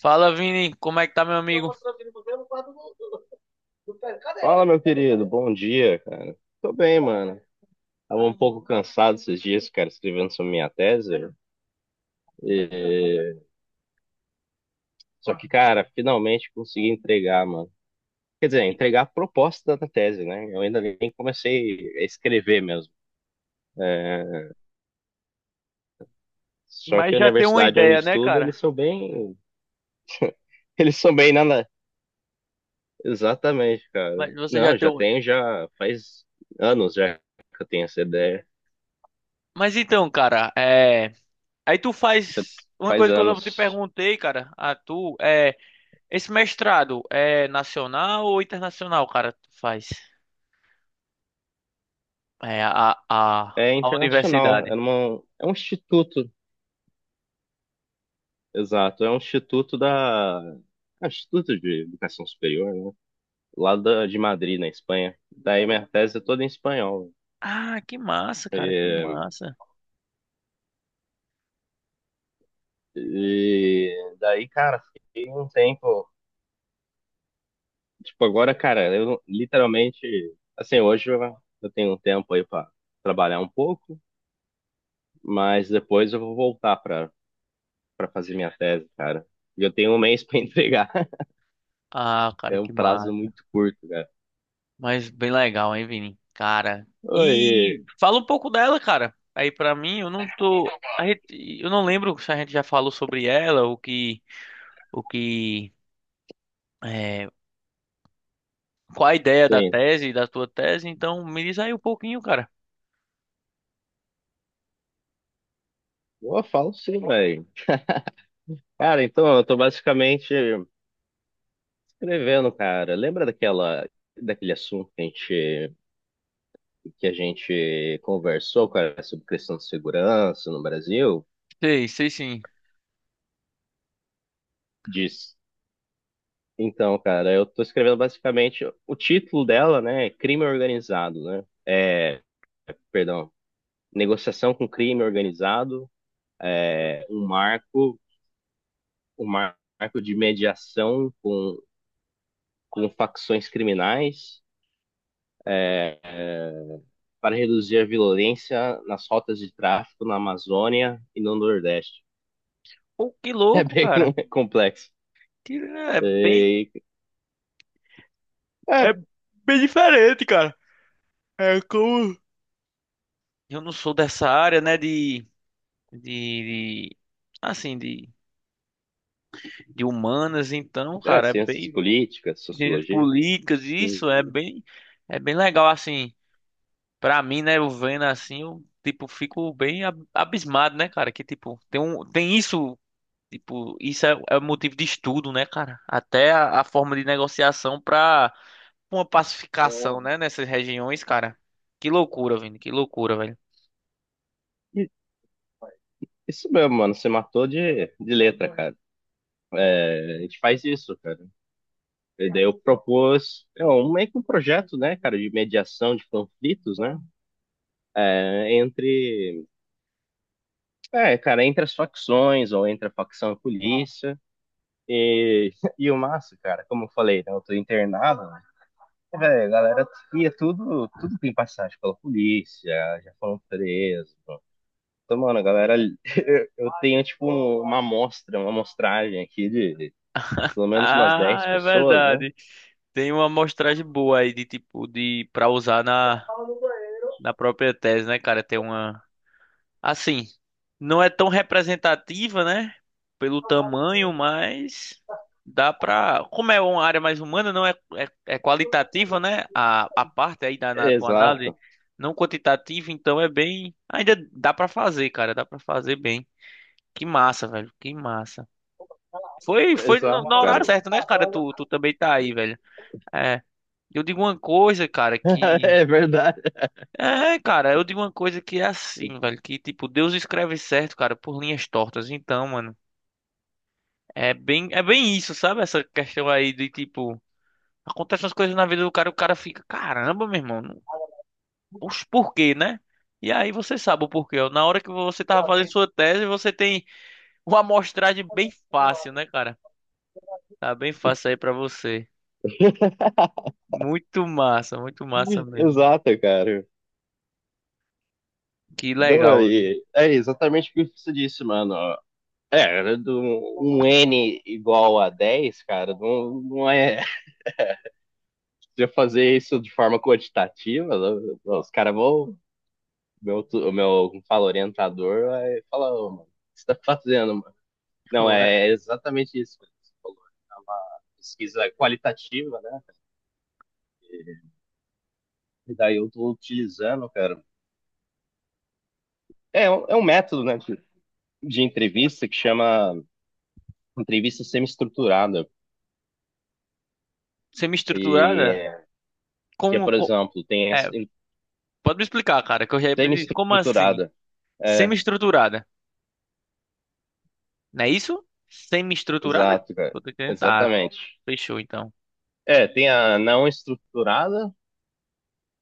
Fala, Vini, como é que tá, meu amigo? Fala, meu querido. Bom dia, cara. Tô bem, mano. Tava um pouco cansado esses dias, cara, escrevendo sobre minha tese. Só que, cara, finalmente consegui entregar, mano. Quer dizer, entregar a proposta da tese, né? Eu ainda nem comecei a escrever mesmo. Só que Mas a já tem uma universidade onde ideia, né, estudo, cara? eles são bem. Eles são bem nada. Exatamente, cara. Mas você já Não, tem já o... tenho, já faz anos já que eu tenho essa ideia. Mas então, cara, é. Aí tu Já faz uma faz coisa que eu não te anos. perguntei, cara. A tu é esse mestrado é nacional ou internacional, cara? Tu faz é a a É a internacional. Universidade. É um instituto. Exato, é um instituto da. É um Instituto de Educação Superior, né? Lá de Madrid, na Espanha. Daí minha tese é toda em espanhol. Ah, que massa, cara, que massa. E daí, cara, fiquei um tempo. Tipo, agora, cara, eu não- literalmente. Assim, hoje eu tenho um tempo aí pra trabalhar um pouco, mas depois eu vou voltar pra fazer minha tese, cara. E eu tenho um mês pra entregar. Ah, cara, É um que prazo massa. muito curto, cara. Mas bem legal, hein, Vini? Cara. Oi, E fala um pouco dela, cara. Aí pra mim, eu não tô. A gente, eu não lembro se a gente já falou sobre ela, o que, é, qual a ideia da sim. tese, da tua tese. Então, me diz aí um pouquinho, cara. Eu falo sim, velho. Cara, então, eu tô basicamente escrevendo, cara. Lembra daquele assunto que a gente conversou, cara, sobre questão de segurança no Brasil? Sei, sei sim. Diz. Então, cara, eu tô escrevendo basicamente o título dela, né? É crime organizado, né? Perdão, negociação com crime organizado, é um marco, um marco de mediação com facções criminais. é, para reduzir a violência nas rotas de tráfico na Amazônia e no Nordeste. Pô, que É louco, bem cara. complexo. Que E, é é, bem diferente, cara. É como eu não sou dessa área, né, de, de assim, de humanas, então, cara, é Ciências bem políticas, ciências sociologia. políticas, isso é bem legal, assim, pra mim, né, eu vendo assim, eu, tipo, fico bem abismado, né, cara, que, tipo, tem um, tem isso, tipo, isso é, é motivo de estudo, né, cara, até a forma de negociação pra uma pacificação, né, nessas regiões, cara, que loucura, velho, que loucura, velho. Isso mesmo, mano. Você matou de letra, cara. A gente faz isso, cara. E daí eu propus meio que um projeto, né, cara, de mediação de conflitos, né? É, entre, Cara, entre as facções ou entre a facção e a polícia. E, e o massa, cara, como eu falei, né, eu tô internado, velho. A galera tudo tem passagem pela polícia, já foram presos. Então, mano, a galera, eu tenho tipo uma amostragem aqui de pelo menos umas Ah, dez é pessoas, né? verdade. Tem uma amostragem boa aí de tipo de para usar na na própria tese, né, cara? Tem uma. Assim, não é tão representativa, né? Pelo tamanho, mas dá pra. Como é uma área mais humana, não é, é, é qualitativa, né? A parte aí da na tua análise, Exato, não quantitativa, então é bem. Ainda dá pra fazer, cara, dá pra fazer bem. Que massa, velho, que massa. Foi, foi no, no exato, cara. horário certo, né, cara? Tu, tu também tá aí, velho. É. Eu digo uma coisa, cara, que É verdade. é, cara, eu digo uma coisa que é assim, velho, que tipo, Deus escreve certo, cara, por linhas tortas. Então, mano, é bem isso, sabe? Essa questão aí de tipo, acontecem as coisas na vida do cara, o cara fica, caramba, meu irmão, não- os porquê, né? E aí você sabe o porquê. Ó. Na hora que você tava fazendo sua tese, você tem uma amostragem bem fácil, né, cara? Tá bem fácil aí pra você. Muito massa mesmo. Exato, cara. Que Então, legal, velho. aí, é exatamente o que você disse, mano. É, do, Um N igual a 10, cara, não, não é. Se eu fazer isso de forma quantitativa, os caras vão. Meu, o meu como fala, orientador vai falar, ô, mano, o que você tá fazendo, mano? Não, Pô, é-. é exatamente isso que você falou. É uma pesquisa qualitativa, né? E daí eu tô utilizando, cara. É um método, né, de entrevista que chama entrevista semi-estruturada. E Semi-estruturada? é, que é, Como, por exemplo, tem essa pode me explicar, cara, que eu já... Como assim? semi-estruturada. É, Semi-estruturada. Não é isso? Semi-estruturada? exato, cara. Eu tô entendendo. Tá, Exatamente. fechou então. Tem a não estruturada,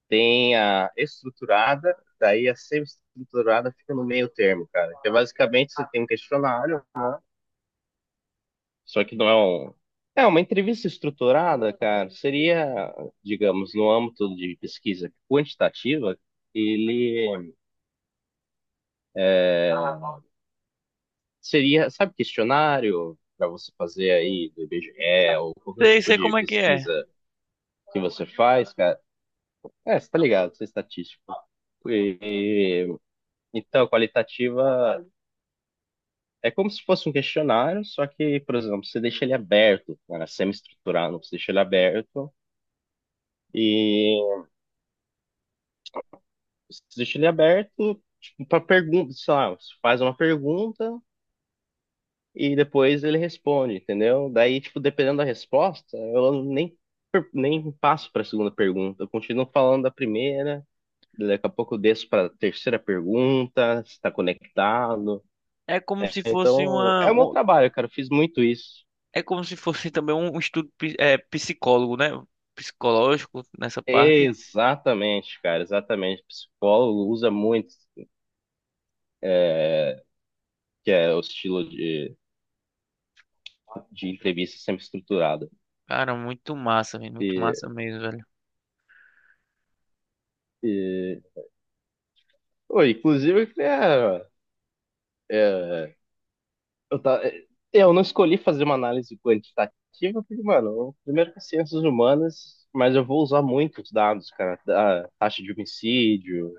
tem a estruturada, daí a semi-estruturada fica no meio termo, cara. Que é basicamente você tem um questionário, só que não é um. Uma entrevista estruturada, cara, seria, digamos, no âmbito de pesquisa quantitativa, ele seria, sabe, questionário para você fazer aí do IBGE ou qualquer Sei, tipo sei de como é que é. pesquisa que você faz, cara. É, você tá ligado, você é estatístico. E, Qualitativa. É como se fosse um questionário, só que, por exemplo, você deixa ele aberto, né, é semi-estruturado, você deixa ele aberto e você deixa ele aberto tipo, para pergunta, sei lá, você faz uma pergunta e depois ele responde, entendeu? Daí, tipo, dependendo da resposta, eu nem, passo para a segunda pergunta, eu continuo falando da primeira, daqui a pouco eu desço para a terceira pergunta, se está conectado. É como É, se fosse então, uma... é o meu um-. trabalho, cara, eu fiz muito isso. É como se fosse também um estudo psicólogo, né? Psicológico nessa parte. Exatamente, cara, exatamente. Psicólogo usa muito, que é o estilo de entrevista sempre estruturada. Cara, muito massa, velho. Muito E, massa mesmo, velho. e... Pô, inclusive, eu queria- eu, ta- eu não escolhi fazer uma análise quantitativa, porque, mano, primeiro que é ciências humanas, mas eu vou usar muitos dados, cara, da taxa de homicídio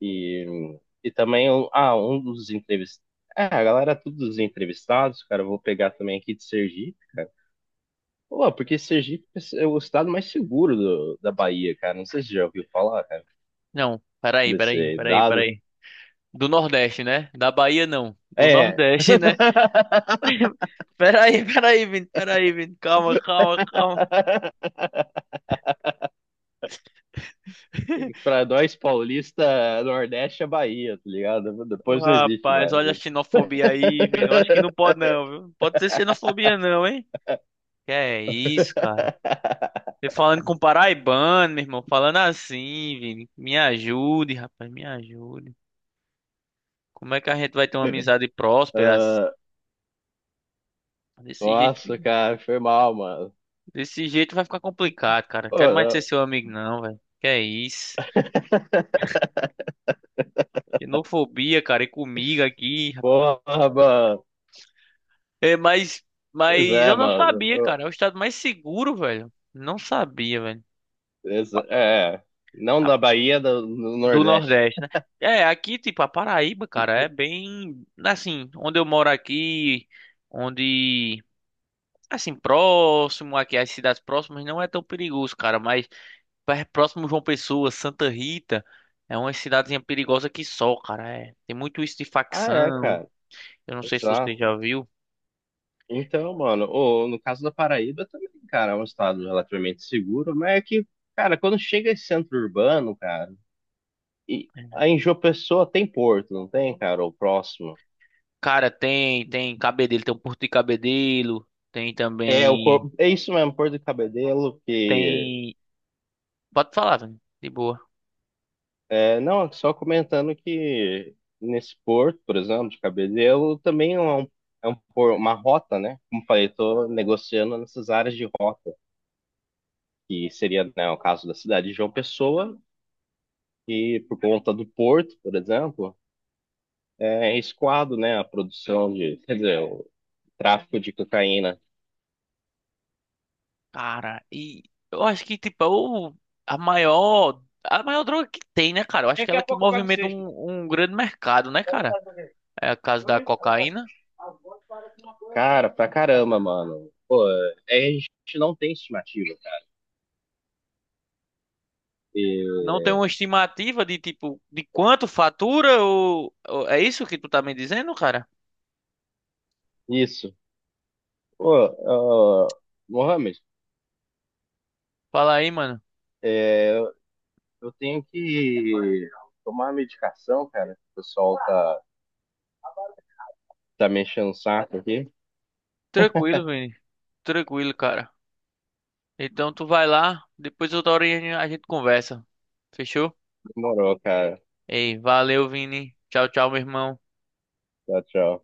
e, e também, um dos entrevistados. Todos os entrevistados, cara, eu vou pegar também aqui de Sergipe. Pô, porque Sergipe é o estado mais seguro da Bahia, cara. Não sei se você já ouviu falar, cara, Não, peraí, peraí, desse peraí, dado. peraí. Do Nordeste, né? Da Bahia, não. Do É. Nordeste, né? Peraí, peraí, Vini. Peraí, Vini. Calma, calma, calma. Pra nós paulista, Nordeste é Bahia, tá ligado? Depois não existe Rapaz, mais. olha a xenofobia aí, viu? Eu acho que não pode não, viu? Não pode ser xenofobia não, hein? Que é isso, cara? Você falando com paraibano, meu irmão, falando assim, Vini. Me ajude, rapaz, me ajude. Como é que a gente vai ter uma amizade próspera? Assim? Ah, Desse jeito, nossa, cara, foi mal, mano. desse jeito vai ficar complicado, cara. Quero mais ser Pô, seu amigo não, velho. Que é isso? ah, Xenofobia, cara, e comigo aqui, rapaz. Porra, mano. É, Pois mas é, eu não mano. sabia, Ah, cara. É o estado mais seguro, velho. Não sabia, velho. exa- É, não da Bahia, do Do Nordeste. Nordeste, né? É, aqui, tipo, a Paraíba, cara, é bem. Assim, onde eu moro aqui, onde. Assim, próximo aqui, as cidades próximas não é tão perigoso, cara, mas próximo João Pessoa, Santa Rita, é uma cidadezinha perigosa que só, cara. É. Tem muito isso de Ah, é, facção. cara. Eu não sei se você Exato. já viu. Então, mano, ô, no caso da Paraíba também, cara, é um estado relativamente seguro, mas é que, cara, quando chega esse centro urbano, cara, e aí em João Pessoa tem porto, não tem, cara, ou próximo. Cara, tem, tem Cabedelo, tem o Porto de Cabedelo, tem também. É isso mesmo, Porto de Cabedelo. Tem. Pode falar, velho. De boa. Não, só comentando que nesse porto, por exemplo, de Cabedelo, também é um, uma rota, né? Como falei, tô negociando nessas áreas de rota, que seria, né, o caso da cidade de João Pessoa, e por conta do porto, por exemplo, é escoado, né? A produção de, quer dizer, o tráfico de cocaína. Cara, e eu acho que, tipo, é o, a maior droga que tem, né, cara? Eu acho que é ela que movimenta um, um grande mercado, né, cara? É a caso da cocaína. Cara, pra caramba, mano. Pô, a gente não tem estimativa, cara. E- Não tem uma estimativa de, tipo, de quanto fatura ou- É isso que tu tá me dizendo, cara? isso. Pô, Mohamed, Fala aí, mano. é, eu tenho que tomar a medicação, cara. O pessoal tá me enchendo o saco aqui. Tranquilo, Vini. Tranquilo, cara. Então tu vai lá, depois outra hora a gente conversa. Fechou? Demorou, cara. Ei, valeu, Vini. Tchau, tchau, meu irmão. Tchau, tchau.